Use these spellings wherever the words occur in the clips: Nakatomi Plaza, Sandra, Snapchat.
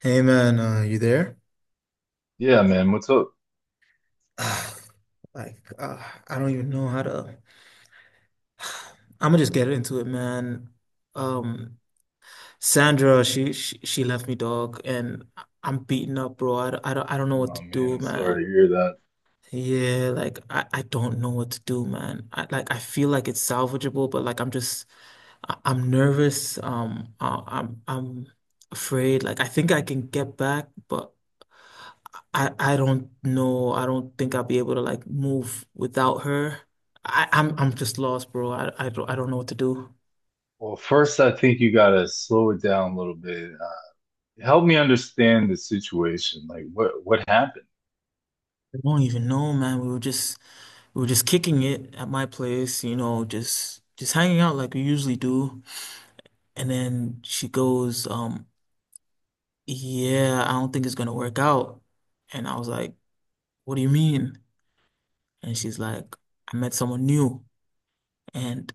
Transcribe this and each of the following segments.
Hey man, you there? Yeah, man. What's up? Ah, Like, I don't even know how to. I'm gonna just get into it, man. Um, Sandra, she left me, dog, and I'm beaten up, bro. I don't know what Oh to man, do, I'm sorry man. to hear that. Yeah, like I don't know what to do, man. I like I feel like it's salvageable, but like I'm just I'm nervous. I'm afraid. Like I think I can get back, but. I don't know. I don't think I'll be able to like move without her. I'm just lost, bro. I don't know what to do. Well, first, I think you gotta slow it down a little bit. Help me understand the situation. Like, what happened? I don't even know, man. We were just kicking it at my place, you know, just hanging out like we usually do. And then she goes, yeah, I don't think it's gonna work out. And I was like, what do you mean? And she's like, I met someone new. And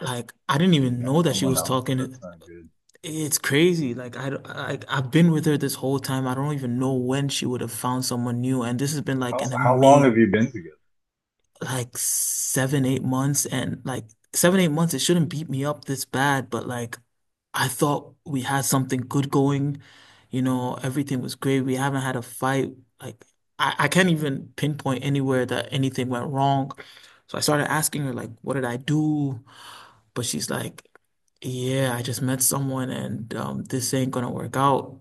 like I didn't She even know met that she someone was else. talking. That's not good. It's crazy. Like I've been with her this whole time. I don't even know when she would have found someone new. And this has been like How an how long have amazing, you been together? like 7, 8 months. And like seven, 8 months, it shouldn't beat me up this bad. But like, I thought we had something good going. You know, everything was great. We haven't had a fight. Like I can't even pinpoint anywhere that anything went wrong. So I started asking her, like, what did I do? But she's like, yeah, I just met someone and this ain't gonna work out.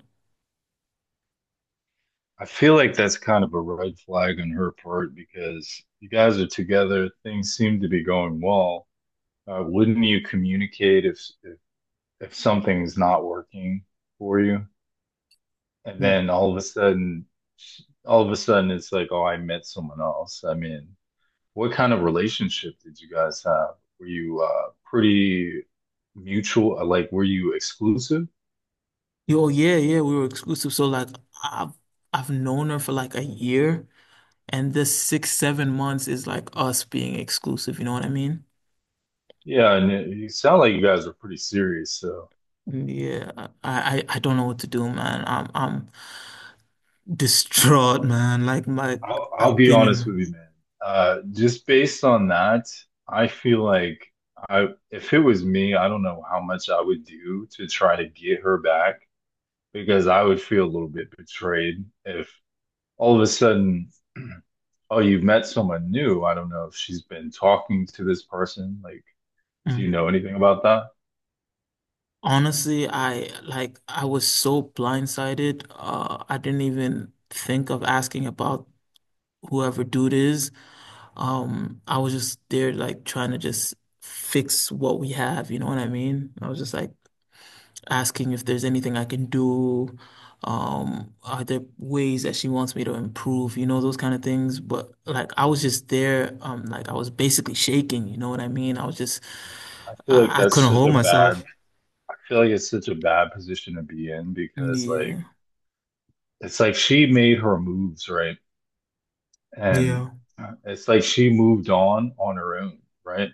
I feel like that's kind of a red flag on her part because you guys are together. Things seem to be going well. Wouldn't you communicate if something's not working for you? And Yeah. then all of a sudden, all of a sudden, it's like, oh, I met someone else. I mean, what kind of relationship did you guys have? Were you pretty mutual? Like, were you exclusive? Yo, yeah, yeah, we were exclusive. So like I've I've known her for like a year and this 6, 7 months is like us being exclusive, you know what I mean? Yeah, and you sound like you guys are pretty serious. So Yeah, I don't know what to do, man. I'm distraught, man. Like my I'll I've be been honest with in you, man. Just based on that, I feel like I if it was me, I don't know how much I would do to try to get her back because I would feel a little bit betrayed if all of a sudden, oh, you've met someone new. I don't know if she's been talking to this person. Like, do you mm. know anything about that? Honestly, I like I was so blindsided. I didn't even think of asking about whoever dude is. I was just there like trying to just fix what we have, you know what I mean? I was just like asking if there's anything I can do. Are there ways that she wants me to improve, you know, those kind of things. But like I was just there, like I was basically shaking, you know what I mean? I was just I feel like I that's couldn't such hold a bad, myself. I feel like it's such a bad position to be in because like Yeah. it's like she made her moves, right? And Yeah. It's like she moved on her own, right?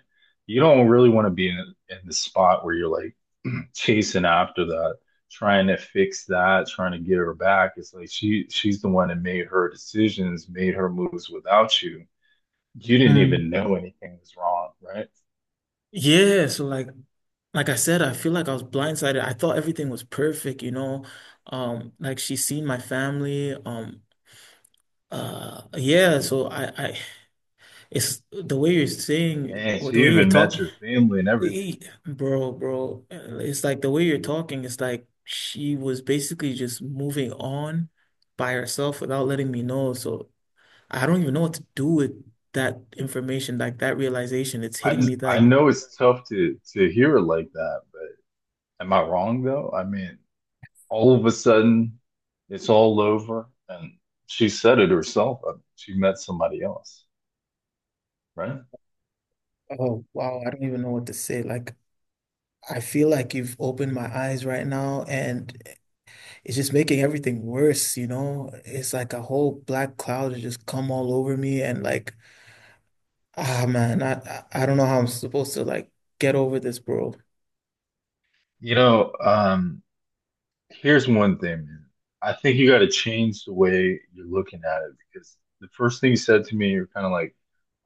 You don't really want to be in the spot where you're like chasing after that, trying to fix that, trying to get her back. It's like she's the one that made her decisions, made her moves without you. You didn't Mm. even know anything was wrong, right? Yeah, so like I said, I feel like I was blindsided. I thought everything was perfect, you know. Like she's seen my family. Yeah, so it's the way you're saying And or the she way you're even met talking, your family and everything. bro, bro. It's like the way you're talking, it's like she was basically just moving on by herself without letting me know. So I don't even know what to do with that information, like that realization. It's hitting me I like, know it's tough to hear it like that, but am I wrong though? I mean, all of a sudden it's all over and she said it herself, she met somebody else, right? oh, wow, I don't even know what to say. Like, I feel like you've opened my eyes right now, and it's just making everything worse, you know? It's like a whole black cloud has just come all over me and like, ah man, I don't know how I'm supposed to like get over this, bro. You know, um, here's one thing, man. I think you got to change the way you're looking at it, because the first thing you said to me, you're kind of like,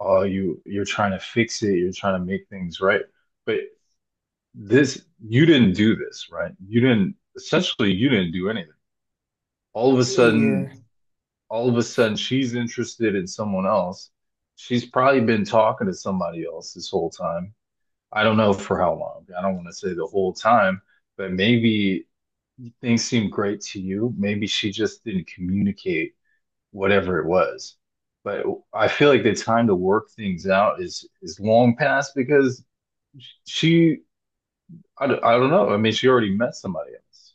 oh, you're trying to fix it, you're trying to make things right. But this, you didn't do this, right? You didn't, essentially, you didn't do anything. All of a sudden, Yeah. all of a sudden she's interested in someone else. She's probably been talking to somebody else this whole time. I don't know for how long. I don't want to say the whole time, but maybe things seemed great to you. Maybe she just didn't communicate whatever it was. But I feel like the time to work things out is long past because she I don't know. I mean, she already met somebody else.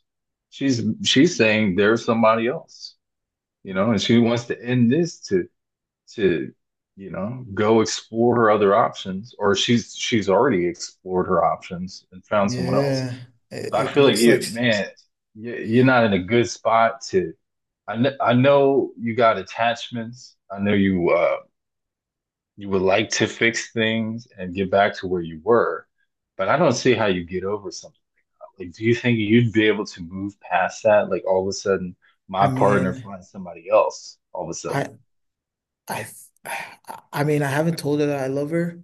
She's saying there's somebody else, you know, and she wants to end this to you know, go explore her other options. Or she's already explored her options and found someone else. Yeah. It, So I it feel like looks like you, man, you're not in a good spot to I know you got attachments. I know you you would like to fix things and get back to where you were, but I don't see how you get over something like. Do you think you'd be able to move past that, like, all of a sudden I my partner mean, finds somebody else all of a I sudden? I I mean, I haven't told her that I love her.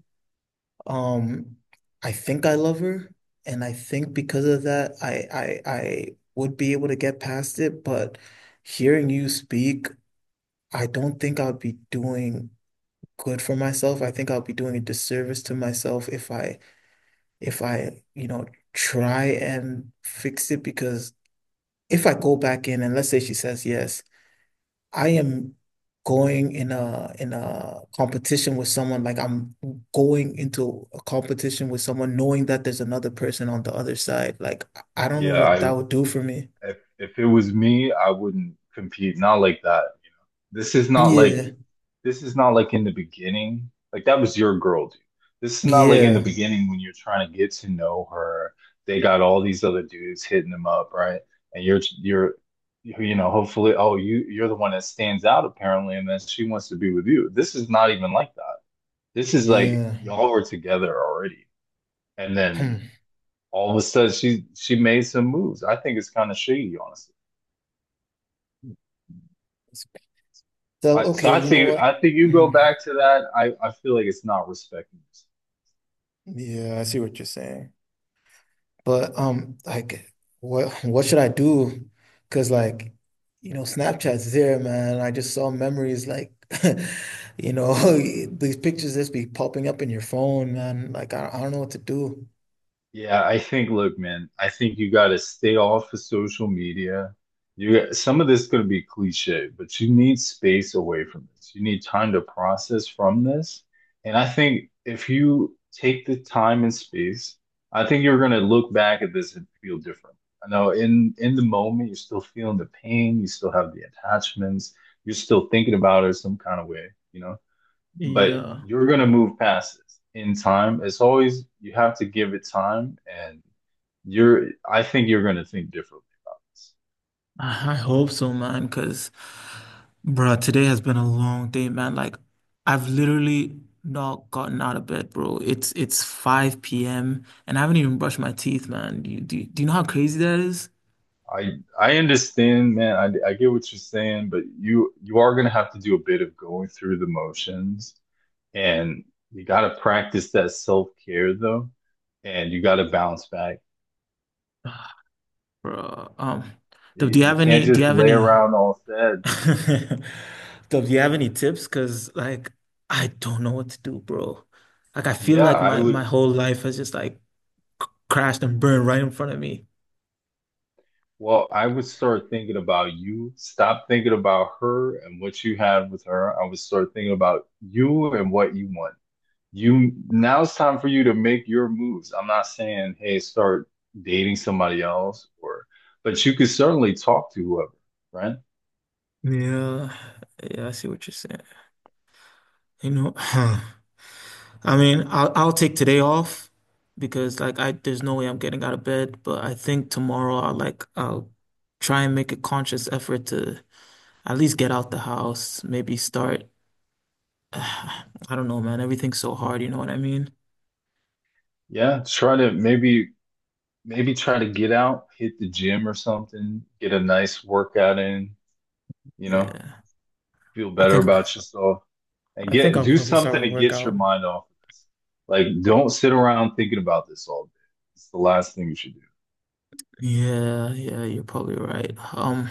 Um, I think I love her, and I think because of that, I would be able to get past it, but hearing you speak, I don't think I would be doing good for myself. I think I'll be doing a disservice to myself if I you know, try and fix it because if I go back in and let's say she says yes, I am going in a competition with someone like I'm going into a competition with someone knowing that there's another person on the other side. Like I don't know Yeah, what that I would do for me. If it was me, I wouldn't compete. Not like that. You know, this is not like Yeah. this is not like in the beginning. Like, that was your girl, dude. This is not like in the Yeah. beginning when you're trying to get to know her. They got all these other dudes hitting them up, right? And you're, you know, hopefully, oh, you're the one that stands out apparently, and then she wants to be with you. This is not even like that. This is like Yeah. y'all were together already, and then Hmm. all of a sudden she made some moves. I think it's kind of shady, honestly. So okay, you know what? I think you go Mhm. back to that. I feel like it's not respecting us. Yeah, I see what you're saying. But like, what should I do? Because like, you know, Snapchat's there, man. I just saw memories like, you know, these pictures just be popping up in your phone, man. Like, I don't know what to do. Yeah, I think, look, man, I think you got to stay off of social media. Some of this is going to be cliche, but you need space away from this. You need time to process from this. And I think if you take the time and space, I think you're going to look back at this and feel different. I know, in the moment you're still feeling the pain, you still have the attachments, you're still thinking about it some kind of way, you know. But Yeah, you're gonna move past this in time. It's always, you have to give it time, and you're. I think you're gonna think differently about this. I hope so, man. Because, bro, today has been a long day, man. Like, I've literally not gotten out of bed, bro. It's 5 p.m. and I haven't even brushed my teeth, man. Do you know how crazy that is? I understand, man. I get what you're saying, but you are gonna have to do a bit of going through the motions, and you gotta practice that self-care though, and you gotta bounce back. Bro, do You, you you have can't any? Do you just have lay any? around all sad. Do you have any tips? Cause like I don't know what to do, bro. Like I feel Yeah, like I my would my whole life has just like crashed and burned right in front of me. Well, I would start thinking about you. Stop thinking about her and what you have with her. I would start thinking about you and what you want. You, now it's time for you to make your moves. I'm not saying, hey, start dating somebody else or, but you could certainly talk to whoever, right? Yeah, yeah, I see what you're saying. You know, I mean, I'll take today off because like I there's no way I'm getting out of bed. But I think tomorrow I'll like I'll try and make a conscious effort to at least get out the house, maybe start. I don't know, man. Everything's so hard, you know what I mean? Yeah, try to maybe try to get out, hit the gym or something, get a nice workout in, you know, Yeah. feel I better think about yourself. And I think get, I'll do probably start something with a to get your workout. mind off of this. Like, don't sit around thinking about this all day. It's the last thing you should do. Yeah, yeah, you're probably right.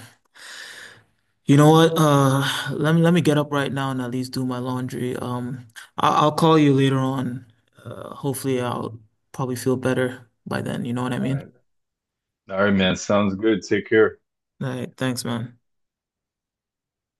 You know what? Let me let me get up right now and at least do my laundry. I I'll call you later on. Hopefully I'll probably feel better by then, you know what I All mean? right, all right, man. Sounds good. Take care. All right, thanks, man.